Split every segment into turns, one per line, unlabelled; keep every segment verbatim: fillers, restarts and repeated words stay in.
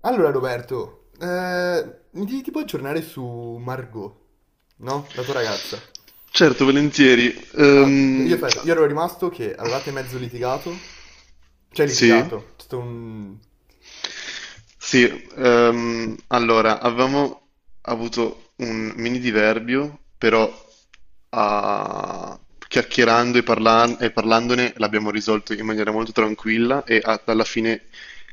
Allora Roberto, eh, mi devi tipo aggiornare su Margot, no? La tua ragazza.
Certo, volentieri.
Allora, io,
Ehm,
aspetta, io ero rimasto che avevate mezzo litigato, cioè
sì,
litigato, c'è stato un...
sì. Ehm, allora, avevamo avuto un mini diverbio, però a- chiacchierando e, parlan- e parlandone l'abbiamo risolto in maniera molto tranquilla e a- alla fine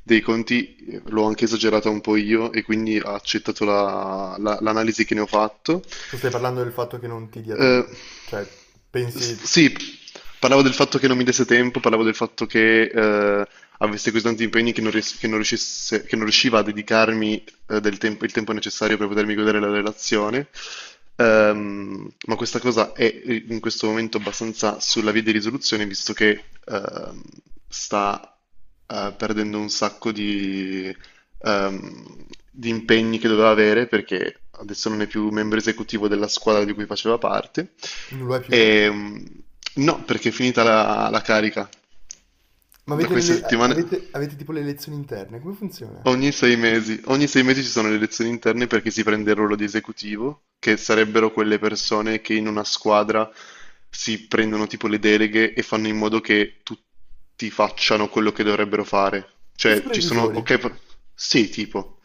dei conti eh, l'ho anche esagerata un po' io e quindi ha accettato la- la- l'analisi che ne ho fatto.
Tu stai parlando del fatto che non ti dia
Eh,
tempo, cioè
s-
pensi
sì, parlavo del fatto che non mi desse tempo, parlavo del fatto che eh, avessi così tanti impegni che non, ries- che non riuscisse- che non riusciva a dedicarmi eh, del tempo- il tempo necessario per potermi godere la relazione. Ehm, ma questa cosa è eh, in questo momento abbastanza sulla via di risoluzione, visto che ehm, sta eh, perdendo un sacco di, ehm, di impegni che doveva avere perché adesso non è più membro esecutivo della squadra di cui faceva parte.
non lo è più?
E, mm, no, perché è finita la, la carica.
Ma
Da
avete, le,
questa
le-
settimana,
avete, avete tipo le elezioni interne, come funziona?
ogni sei mesi, ogni sei mesi ci sono le elezioni interne perché si prende il ruolo di esecutivo, che sarebbero quelle persone che in una squadra si prendono tipo le deleghe e fanno in modo che tutti facciano quello che dovrebbero fare.
I
Cioè, ci sono,
supervisori,
ok, pro- sì, tipo.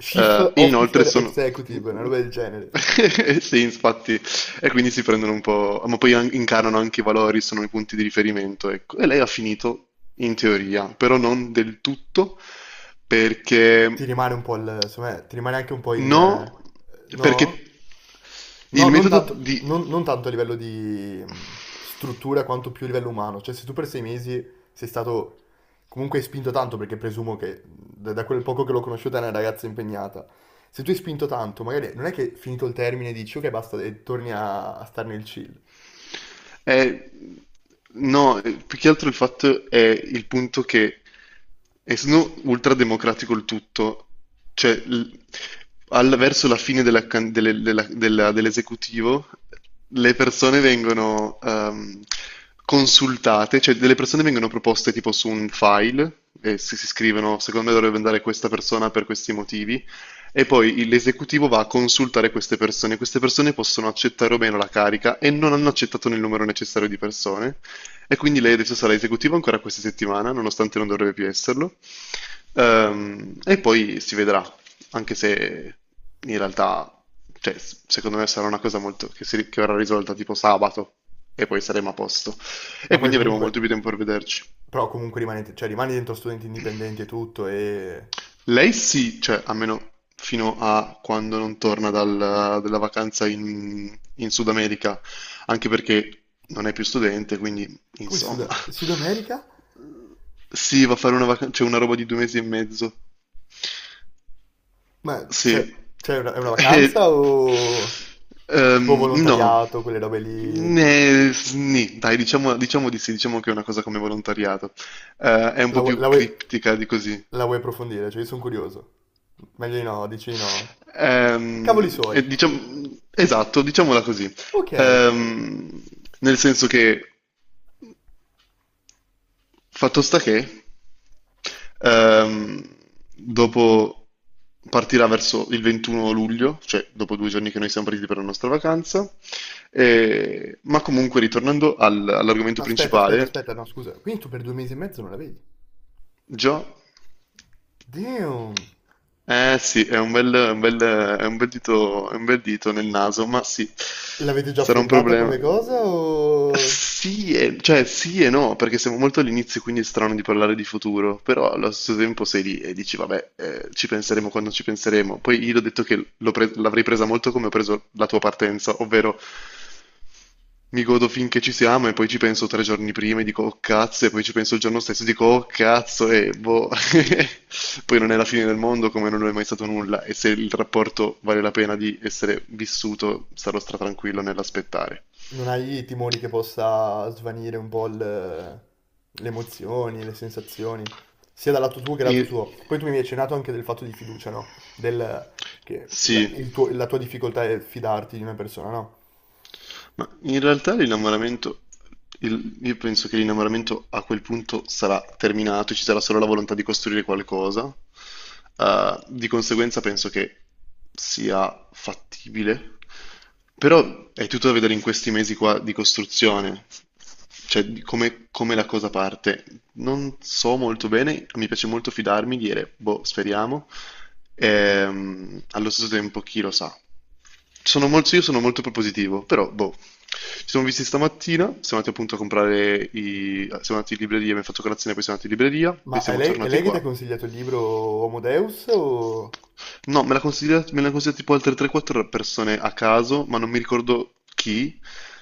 Chief
Eh, inoltre
Officer
sono…
Executive, una roba del genere.
Sì, infatti, e quindi si prendono un po', ma poi an- incarnano anche i valori, sono i punti di riferimento, ecco. E lei ha finito in teoria, però non del tutto,
Ti
perché…
rimane un po' il, secondo me, ti rimane anche un po' il...
No,
No?
perché
No,
il
non
metodo
tanto,
di…
non- non tanto a livello di mh, struttura quanto più a livello umano. Cioè, se tu per sei mesi sei stato comunque hai spinto tanto, perché presumo che da, da quel poco che l'ho conosciuta è una ragazza impegnata. Se tu hai spinto tanto, magari non è che finito il termine dici ok basta e torni a, a stare nel chill.
Eh, no, eh, più che altro il fatto è il punto che, essendo ultrademocratico il tutto, cioè l- al- verso la fine della can- delle- della- della- dell'esecutivo, le persone vengono ehm, consultate, cioè delle persone vengono proposte tipo su un file, e se si scrivono, secondo me dovrebbe andare questa persona per questi motivi, e poi il- l'esecutivo va a consultare queste persone. Queste persone possono accettare o meno la carica e non hanno accettato nel numero necessario di persone. E quindi lei adesso sarà esecutiva ancora questa settimana, nonostante non dovrebbe più esserlo. Ehm, e poi si vedrà, anche se in realtà, cioè, s- secondo me sarà una cosa molto, che, si- che verrà risolta tipo sabato e poi saremo a posto.
Ma
E
poi
quindi avremo
comunque,
molto più tempo per vederci.
però comunque rimani, cioè, rimani dentro studenti indipendenti e tutto e...
Lei sì, cioè almeno fino a quando non torna dal- dalla vacanza in, in Sud America, anche perché non è più studente, quindi
Come
insomma,
Sud, Sud America?
sì, va a fare una vacanza, c'è una roba di due mesi e mezzo,
Ma c'è
sì.
c'è una, è una vacanza
E-
o tipo
ehm, no.
volontariato, quelle robe lì?
Ne- nì, dai, diciamo, diciamo di sì, diciamo che è una cosa come volontariato. Eh, è un
La,
po'
vuoi, la
più
vuoi-
criptica di così.
la vuoi approfondire? Cioè, io sono curioso. Meglio di no, dici di no. Cavoli
Ehm,
suoi.
e diciam- esatto, diciamola così.
Ok.
Ehm, Nel senso che, fatto sta che, ehm, dopo partirà verso il 21 luglio, cioè dopo due giorni che noi siamo partiti per la nostra vacanza, e- ma comunque ritornando al- all'argomento
Ma aspetta, aspetta,
principale.
aspetta, no, scusa. Quindi tu per due mesi e mezzo non la vedi?
Già.
Damn.
Eh sì, è un bel, è un bel, è un bel dito, è un bel dito nel naso, ma sì,
L'avete già
sarà un
affrontata
problema.
come cosa o...
Sì, e- cioè sì e no, perché siamo molto all'inizio, quindi è strano di parlare di futuro, però allo stesso tempo sei lì e dici, vabbè, eh, ci penseremo quando ci penseremo. Poi io l'ho detto che l'ho pre- l'avrei presa molto come ho preso la tua partenza, ovvero mi godo finché ci siamo e poi ci penso tre giorni prima e dico "Oh cazzo" e poi ci penso il giorno stesso e dico "Oh cazzo" e boh. Poi non è la fine del mondo come non lo è mai stato nulla e se il rapporto vale la pena di essere vissuto sarò stratranquillo nell'aspettare.
Non hai timori che possa svanire un po' il- le emozioni, le sensazioni, sia dal lato tuo che dal lato
E-
suo. Poi tu mi hai accennato anche del fatto di fiducia, no? Del, che la,
Sì.
il tuo- la tua difficoltà è fidarti di una persona, no?
Ma in realtà l'innamoramento, il- io penso che l'innamoramento a quel punto sarà terminato, ci sarà solo la volontà di costruire qualcosa. Eh, di conseguenza penso che sia fattibile, però è tutto da vedere in questi mesi qua di costruzione, cioè di come, come la cosa parte. Non so molto bene, mi piace molto fidarmi, dire, boh, speriamo. Ehm, allo stesso tempo, chi lo sa? Sono molto, io sono molto propositivo, però boh. Ci siamo visti stamattina, siamo andati appunto a comprare i... siamo andati in libreria, abbiamo fatto colazione, poi siamo andati in libreria, poi
Ma è
siamo
lei, è
tornati
lei che ti ha
qua.
consigliato il libro Homo Deus o...
No, me l'ha consigliato, me l'hanno consigliato tipo altre tre o quattro persone a caso, ma non mi ricordo chi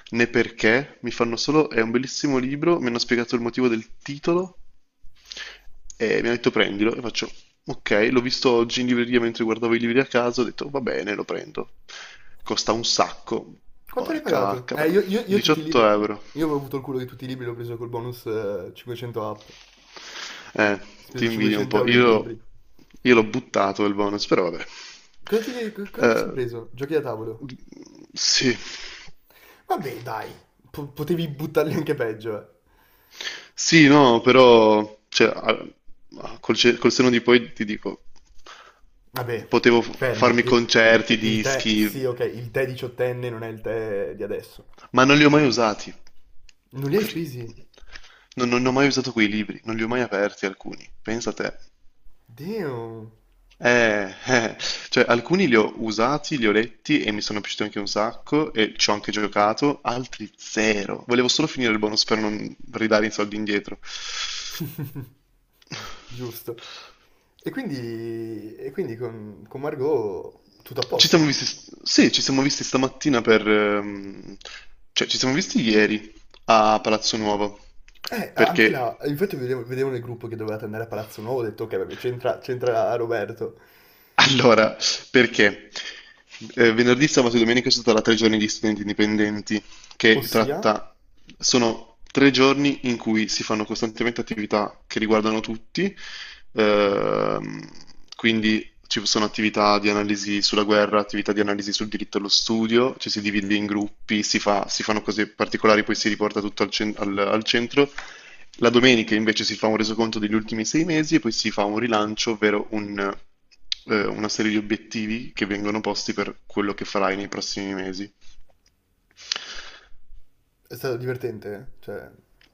né perché. Mi fanno solo, è un bellissimo libro, mi hanno spiegato il motivo del titolo e mi hanno detto prendilo e faccio, ok, l'ho visto oggi in libreria mentre guardavo i libri a caso, ho detto va bene, lo prendo. Costa un sacco,
Quanto l'hai
porca
pagato?
vacca
Eh,
però,
io, io- io tutti i libri.
diciotto euro.
Io avevo avuto il culo di tutti i libri, l'ho preso col bonus eh, cinquecento app. Ho
Eh, Ti
speso
invidio un
500
po'.
euro in
Io,
libri.
io l'ho buttato il bonus, però vabbè.
Cosa ti, co- cosa ti
Eh,
sei preso? Giochi da tavolo?
sì,
Vabbè, dai, po- potevi buttarli anche peggio, eh.
sì, no, però cioè, a- a- col, ce- col senno di poi ti dico,
Vabbè,
potevo f-
fermo.
farmi
Il,
concerti,
il tè, sì,
dischi,
ok, il tè diciottenne non è il tè di adesso.
ma non li ho mai usati.
Non li hai
Cri-
spesi?
Non, non ho mai usato quei libri, non li ho mai aperti alcuni. Pensa a te.
Damn.
Eh, eh, cioè alcuni li ho usati, li ho letti e mi sono piaciuti anche un sacco e ci ho anche giocato, altri zero. Volevo solo finire il bonus per non ridare i soldi indietro.
Giusto. E quindi, e quindi con, con Margot tutto a
Ci siamo
posto.
visti, sì, ci siamo visti stamattina per, ehm, cioè ci siamo visti ieri a Palazzo Nuovo,
Eh, anche là,
perché…
infatti vedevo, vedevo nel gruppo che dovevate andare a Palazzo Nuovo, ho detto ok, vabbè, c'entra c'entra Roberto.
Allora, perché eh, venerdì, sabato e domenica ci sarà tre giorni di studenti indipendenti, che
Ossia,
tratta, sono tre giorni in cui si fanno costantemente attività che riguardano tutti, ehm, quindi ci sono attività di analisi sulla guerra, attività di analisi sul diritto allo studio, ci si divide in gruppi, si fa- si fanno cose particolari, poi si riporta tutto al cen- al- al centro. La domenica invece si fa un resoconto degli ultimi sei mesi e poi si fa un rilancio, ovvero un, eh, una serie di obiettivi che vengono posti per quello che farai nei prossimi mesi.
è stato divertente, eh, cioè...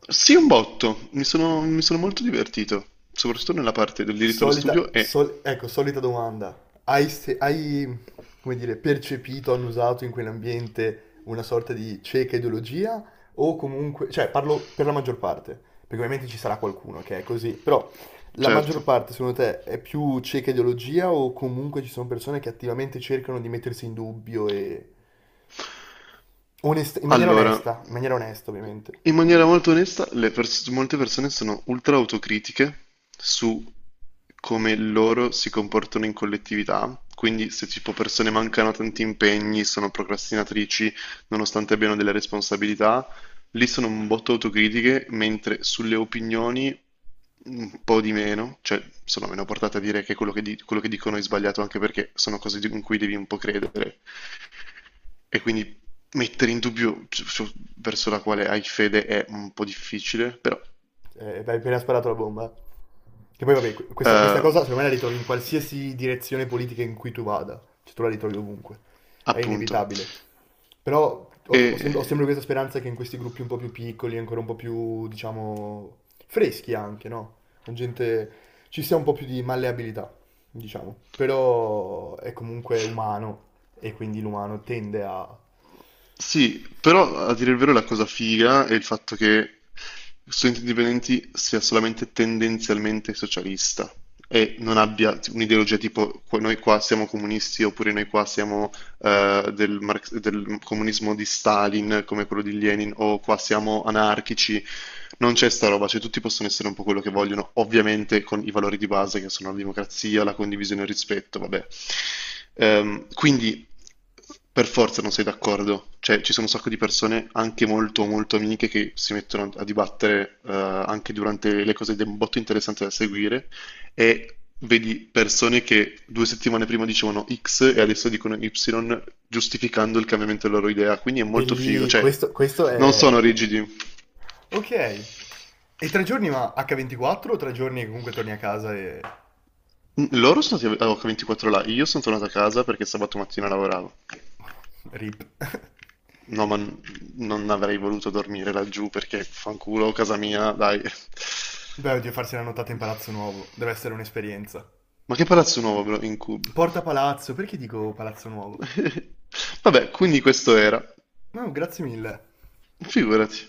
Sì, un botto, mi sono, mi sono molto divertito, soprattutto nella parte del diritto allo
Solita,
studio e…
sol- ecco, solita domanda. Hai, se- hai, come dire, percepito, annusato in quell'ambiente una sorta di cieca ideologia? O comunque, cioè, parlo per la maggior parte, perché ovviamente ci sarà qualcuno che è così, però la maggior
Certo.
parte, secondo te, è più cieca ideologia o comunque ci sono persone che attivamente cercano di mettersi in dubbio e... onest- in maniera
Allora,
onesta, in maniera onesta, ovviamente.
in maniera molto onesta, le pers- molte persone sono ultra autocritiche su come loro si comportano in collettività. Quindi, se tipo persone mancano a tanti impegni, sono procrastinatrici, nonostante abbiano delle responsabilità, lì sono un botto autocritiche, mentre sulle opinioni un po' di meno, cioè sono meno portate a dire che quello che, di- quello che dicono è sbagliato, anche perché sono cose di- in cui devi un po' credere. E quindi mettere in dubbio su- su- verso la quale hai fede è un po' difficile, però…
Eh, hai appena sparato la bomba. Che poi, vabbè, que- questa, questa
Eh,
cosa secondo me la ritrovi in qualsiasi direzione politica in cui tu vada. Cioè, tu la ritrovi ovunque. È
appunto.
inevitabile. Però ho,
E,
ho sem- ho sempre questa speranza che in questi gruppi un po' più piccoli, ancora un po' più, diciamo, freschi anche, no? Con gente ci sia un po' più di malleabilità, diciamo. Però è comunque umano e quindi l'umano tende a...
sì, però a dire il vero la cosa figa è il fatto che Studenti Indipendenti sia solamente tendenzialmente socialista e non abbia un'ideologia tipo "Qua- noi qua siamo comunisti oppure noi qua siamo eh, del, marx- del comunismo di Stalin come quello di Lenin, o qua siamo anarchici", non c'è sta roba, cioè tutti possono essere un po' quello che vogliono, ovviamente con i valori di base che sono la democrazia, la condivisione e il rispetto, vabbè. Ehm, quindi per forza non sei d'accordo, cioè ci sono un sacco di persone anche molto molto amiche che si mettono a dibattere eh, anche durante le cose ed è un botto interessante da seguire, e vedi persone che due settimane prima dicevano X e adesso dicono Y, giustificando il cambiamento della loro idea. Quindi è
E
molto figo,
lì,
cioè
questo, questo
non
è...
sono rigidi.
Ok. E tre giorni ma acca ventiquattro o tre giorni che comunque torni a casa e...
Mm, Loro sono stati a acca ventiquattro là, io sono tornato a casa perché sabato mattina lavoravo.
Rip.
No, ma n- non avrei voluto dormire laggiù perché fanculo, casa mia, dai.
Beh, oddio, farsi la nottata in Palazzo Nuovo. Deve essere un'esperienza.
Ma che palazzo nuovo, bro, in Cube?
Porta Palazzo, perché dico Palazzo Nuovo?
Vabbè, quindi questo era.
No, grazie mille.
Figurati.